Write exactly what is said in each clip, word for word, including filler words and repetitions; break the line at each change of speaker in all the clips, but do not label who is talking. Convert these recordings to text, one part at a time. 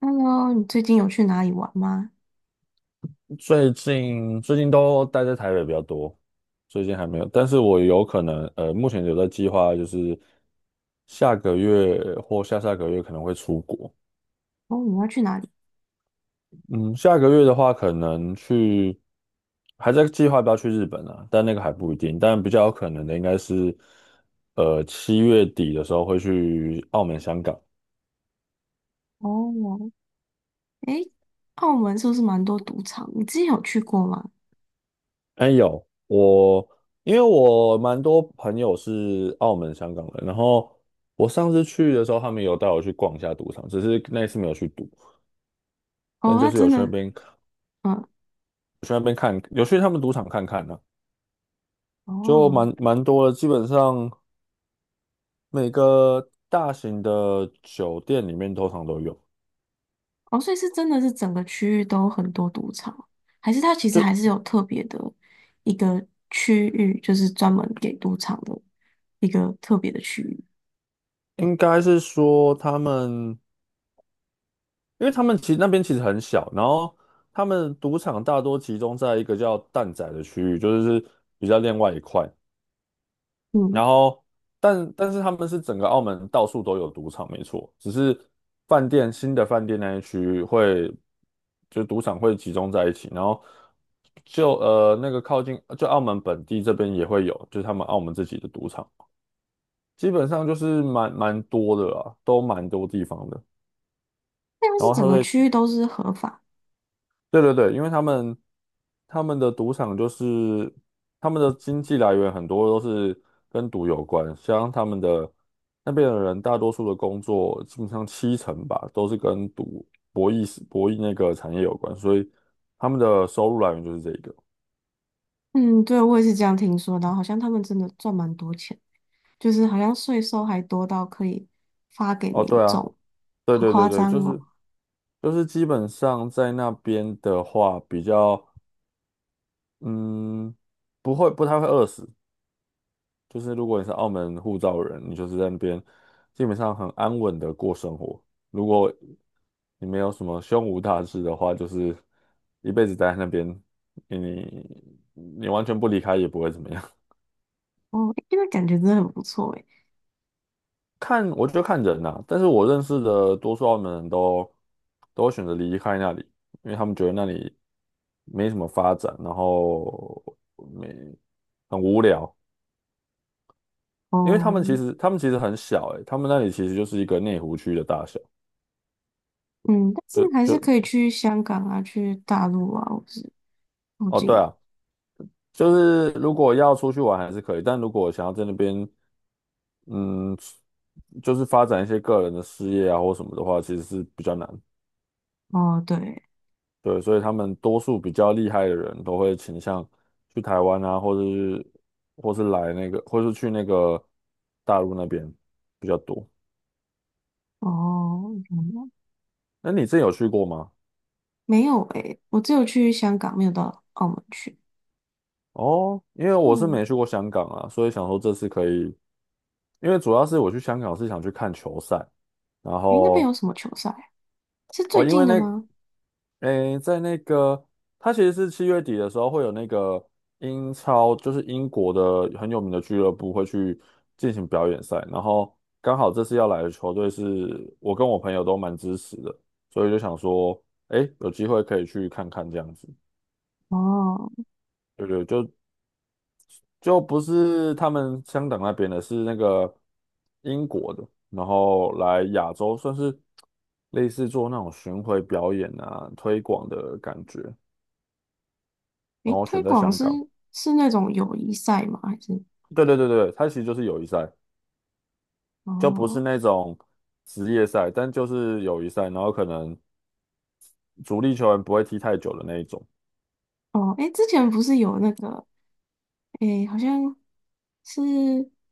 Hello，你最近有去哪里玩吗？
最近最近都待在台北比较多。最近还没有，但是我有可能，呃，目前有在计划，就是下个月或下下个月可能会出国。
哦，你要去哪里？
嗯，下个月的话，可能去，还在计划要不要去日本啊，但那个还不一定。但比较有可能的应该是，呃，七月底的时候会去澳门、香港。
哦，诶，澳门是不是蛮多赌场？你之前有去过吗？
哎，有我，因为我蛮多朋友是澳门、香港人，然后我上次去的时候，他们有带我去逛一下赌场，只是那一次没有去赌，但
哦，
就
那
是有
真
去那
的，
边，有
嗯，
去那边看，有去他们赌场看看呢、就
哦，
蛮蛮多的，基本上每个大型的酒店里面通常都有，
哦，所以是真的是整个区域都很多赌场，还是它其实还是
就
有特别的一个区域，就是专门给赌场的一个特别的区域？
应该是说他们，因为他们其实那边其实很小，然后他们赌场大多集中在一个叫蛋仔的区域，就是比较另外一块。
嗯，
然后，但但是他们是整个澳门到处都有赌场，没错，只是饭店新的饭店那一区会，就赌场会集中在一起，然后就呃那个靠近，就澳门本地这边也会有，就是他们澳门自己的赌场，基本上就是蛮蛮多的啦，都蛮多地方的，
那要
然
是
后他
整个
会。
区域都是合法，
对对对，因为他们他们的赌场就是他们的经济来源很多都是跟赌有关，像他们的那边的人，大多数的工作基本上七成吧都是跟赌、博弈，是博弈那个产业有关，所以他们的收入来源就是这个。
嗯，对，我也是这样听说的，然后好像他们真的赚蛮多钱。就是好像税收还多到可以发给
哦，
民
对啊，
众，
对
好
对
夸
对对，
张
就
哦！
是就是基本上在那边的话，比较嗯不会，不太会饿死，就是如果你是澳门护照人，你就是在那边基本上很安稳的过生活。如果你没有什么胸无大志的话，就是一辈子待在那边，你你完全不离开也不会怎么样。
哦，诶那感觉真的很不错诶。
看，我觉得看人呐、但是我认识的多数澳门人都都会选择离开那里，因为他们觉得那里没什么发展，然后没很无聊。因为他
哦，
们其实他们其实很小、欸，他们那里其实就是一个内湖区的大小。
嗯，但是
就
还是
就
可以去香港啊，去大陆啊，或是附
哦，
近。
对啊，就是如果要出去玩还是可以，但如果想要在那边，嗯，就是发展一些个人的事业啊或什么的话，其实是比较难。
哦，对，
对，所以他们多数比较厉害的人都会倾向去台湾啊，或者是或是来那个，或是去那个大陆那边比较多。
哦，嗯
那你之前有去过吗？
没有诶，我只有去香港，没有到澳门去。
哦，因为我是
嗯，
没去过香港啊，所以想说这次可以，因为主要是我去香港是想去看球赛。然
诶，那边
后
有什么球赛啊是
哦，
最
因
近
为
的
那，
吗？
诶，在那个，他其实是七月底的时候会有那个英超，就是英国的很有名的俱乐部会去进行表演赛，然后刚好这次要来的球队是我跟我朋友都蛮支持的，所以就想说，诶，有机会可以去看看这样子。
哦，
对对，就就不是他们香港那边的，是那个英国的，然后来亚洲算是类似做那种巡回表演啊、推广的感觉。
诶，
然后
推
选在
广
香
是
港。
是那种友谊赛吗？还是？
对对对对，它其实就是友谊赛，就不是
哦
那种职业赛，但就是友谊赛，然后可能主力球员不会踢太久的那一种。
哦，诶，之前不是有那个诶，好像是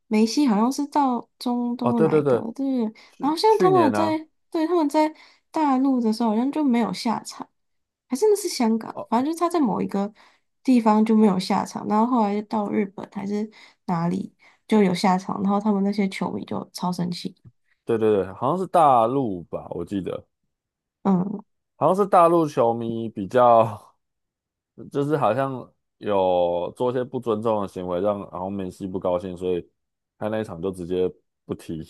梅西，好像是到中
哦，
东
对
来
对
的，对
对，
不对？然后
去
像他
去
们
年啊，
在，对，他们在大陆的时候，好像就没有下场，还真的是香港，反
哦，
正就是他在某一个地方就没有下场，然后后来就到日本还是哪里就有下场，然后他们那些球迷就超生气。
对对对，好像是大陆吧，我记得
嗯，
好像是大陆球迷比较，就是好像有做一些不尊重的行为，让然后梅西不高兴，所以他那一场就直接不踢，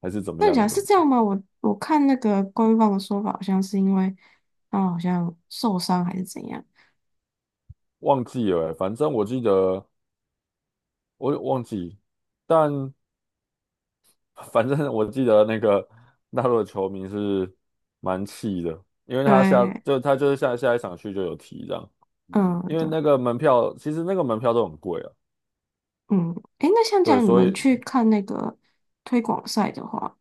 还是怎么
那你
样
讲
的，
是这样吗？我我看那个官方的说法，好像是因为他们好像受伤还是怎样。
忘记了欸，反正我记得。我有忘记，但反正我记得那个大陆的球迷是蛮气的，因为他下
对，
就他就是下下一场去就有提这样，
嗯，
因为
对。
那个门票，其实那个门票都很贵啊，
嗯，诶，那像这
对，
样你
所
们
以
去看那个推广赛的话，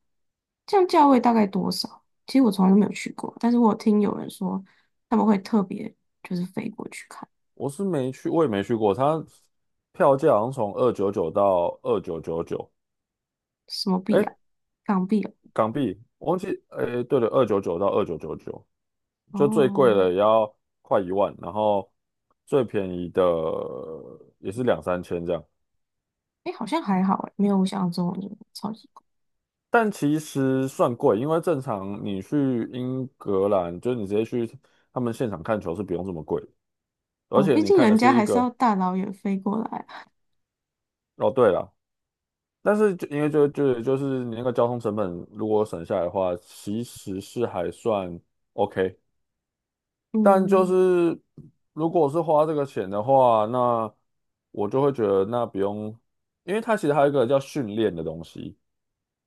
这样价位大概多少？其实我从来都没有去过，但是我有听有人说他们会特别就是飞过去看
我是没去，我也没去过。他票价好像从二九九到二九九九，
什么币
哎，
啊，港币啊
港币，我忘记，哎，对了，二九九到二九九九，就最贵
哦，
的也要快一万，然后最便宜的也是两三千这样。
诶，好像还好诶，没有我想象中的那么超级贵
但其实算贵，因为正常你去英格兰，就是你直接去他们现场看球是不用这么贵的，而
哦，
且
毕
你
竟
看
人
的
家
是一
还是要
个。
大老远飞过来啊
哦，对了，但是就因为就就就是你那个交通成本如果省下来的话，其实是还算 OK，但就
嗯，
是如果是花这个钱的话，那我就会觉得那不用，因为它其实还有一个叫训练的东西。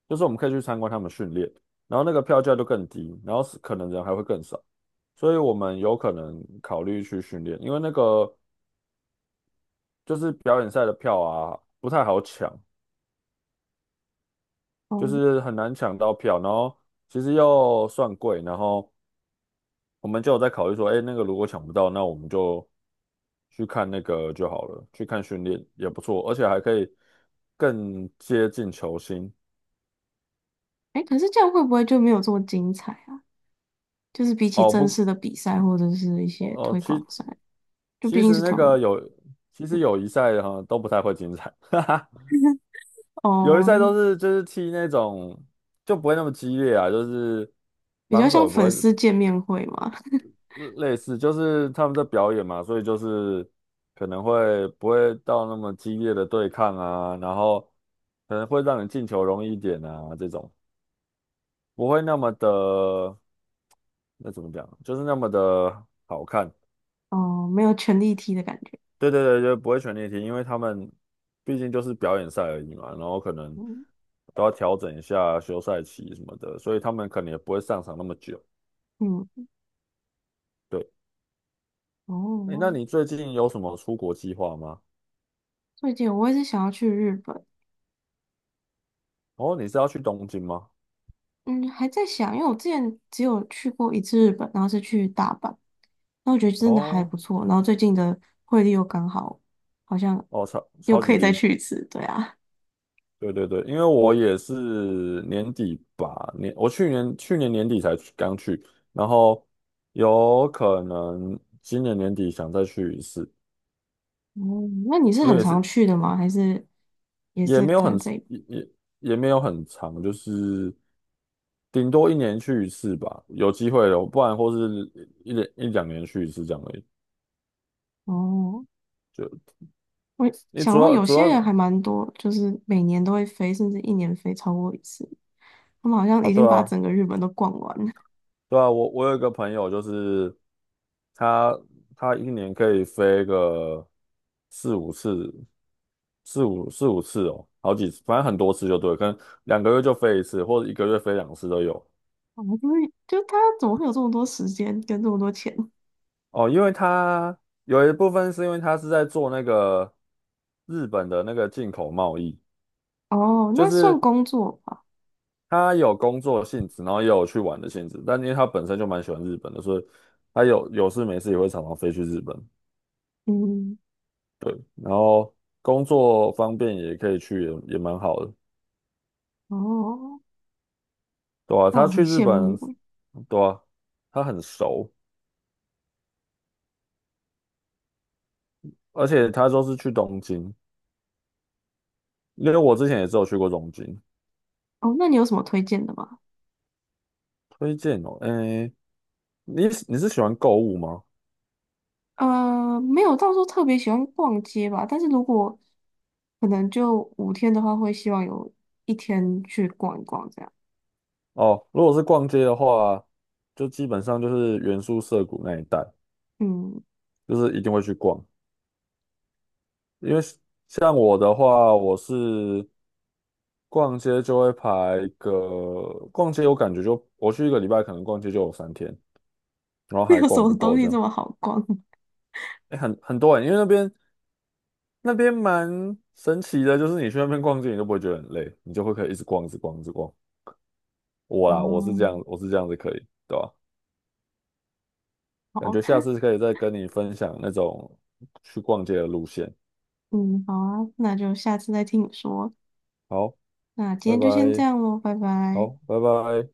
就是我们可以去参观他们训练，然后那个票价就更低，然后是可能人还会更少，所以我们有可能考虑去训练，因为那个就是表演赛的票啊不太好抢，就
哦，
是很难抢到票，然后其实又算贵，然后我们就有在考虑说，哎，那个如果抢不到，那我们就去看那个就好了，去看训练也不错，而且还可以更接近球星。
诶，可是这样会不会就没有这么精彩啊？就是比起
哦
正
不，
式的比赛或者是一些
哦，哦
推广
其
赛，就毕
其
竟
实
是
那
他
个
们
有，其实友谊赛哈都不太会精彩，哈哈，友谊赛都
哦。
是就是踢那种就不会那么激烈啊，就是
比较
防守
像
也不
粉
会
丝见面会嘛，
类类似，就是他们在表演嘛，所以就是可能会不会到那么激烈的对抗啊，然后可能会让你进球容易一点啊，这种不会那么的，那怎么讲，就是那么的好看。
哦，没有权力踢的感觉。
对对对，就不会选练题，因为他们毕竟就是表演赛而已嘛，然后可能
嗯
都要调整一下休赛期什么的，所以他们可能也不会上场那么久。
嗯，
对，诶，那
哦，
你最近有什么出国计划吗？
最近我也是想要去日本，
哦，你是要去东京吗？
嗯，还在想，因为我之前只有去过一次日本，然后是去大阪，那我觉得真的还
哦
不错，然后最近的汇率又刚好，好像
哦，超
又
超
可
级
以再
低。
去一次，对啊。
对对对，因为我也是年底吧，年我去年去年年底才去刚去，然后有可能今年年底想再去一次。
哦，那你是
因
很
为也
常
是
去的吗？还是也
也
是
没有很
看这个？
也也也没有很长，就是顶多一年去一次吧，有机会的，不然或是一两一两年去一次这样而已。
哦，
就
我
你
想
主
说
要
有
主
些
要是。
人还蛮多，就是每年都会飞，甚至一年飞超过一次。他们好像
啊，
已
对
经把
啊，
整个日本都逛完了。
对啊，我我有一个朋友，就是他他一年可以飞个四五次，四五四五次哦，好几次，反正很多次就对，可能两个月就飞一次，或者一个月飞两次都有。
啊，就是就他怎么会有这么多时间跟这么多钱？
哦，因为他有一部分是因为他是在做那个日本的那个进口贸易，
哦，
就
那算
是
工作吧。
他有工作性质，然后也有去玩的性质。但因为他本身就蛮喜欢日本的，所以他有有事没事也会常常飞去日本，
嗯，
然后工作方便也可以去也，也蛮好的，
哦，
对啊，
哇，
他
很
去日
羡
本，
慕欸。
对啊，他很熟，而且他都是去东京，因为我之前也只有去过东京。
哦，那你有什么推荐的吗？
推荐哦，诶，你你是喜欢购物吗？
呃，没有到时候特别喜欢逛街吧，但是如果可能就五天的话，会希望有一天去逛一逛这样。
哦，如果是逛街的话，就基本上就是原宿涩谷那一带，
嗯，
就是一定会去逛。因为像我的话，我是逛街就会排个，逛街我感觉就我去一个礼拜，可能逛街就有三天，然后 还
有什
逛
么
不
东
够
西
这
这
样。
么好逛？
哎，很很多人，因为那边那边蛮神奇的，就是你去那边逛街，你都不会觉得很累，你就会可以一直逛，一直逛，一直逛。我啦，我是
哦，
这样，我是这样子可以，对吧？
好，
感觉下次可以再跟你分享那种去逛街的路线。
嗯，好啊，那就下次再听你说。
好，
那今
拜
天就先这
拜。
样喽，拜拜。
好，拜拜。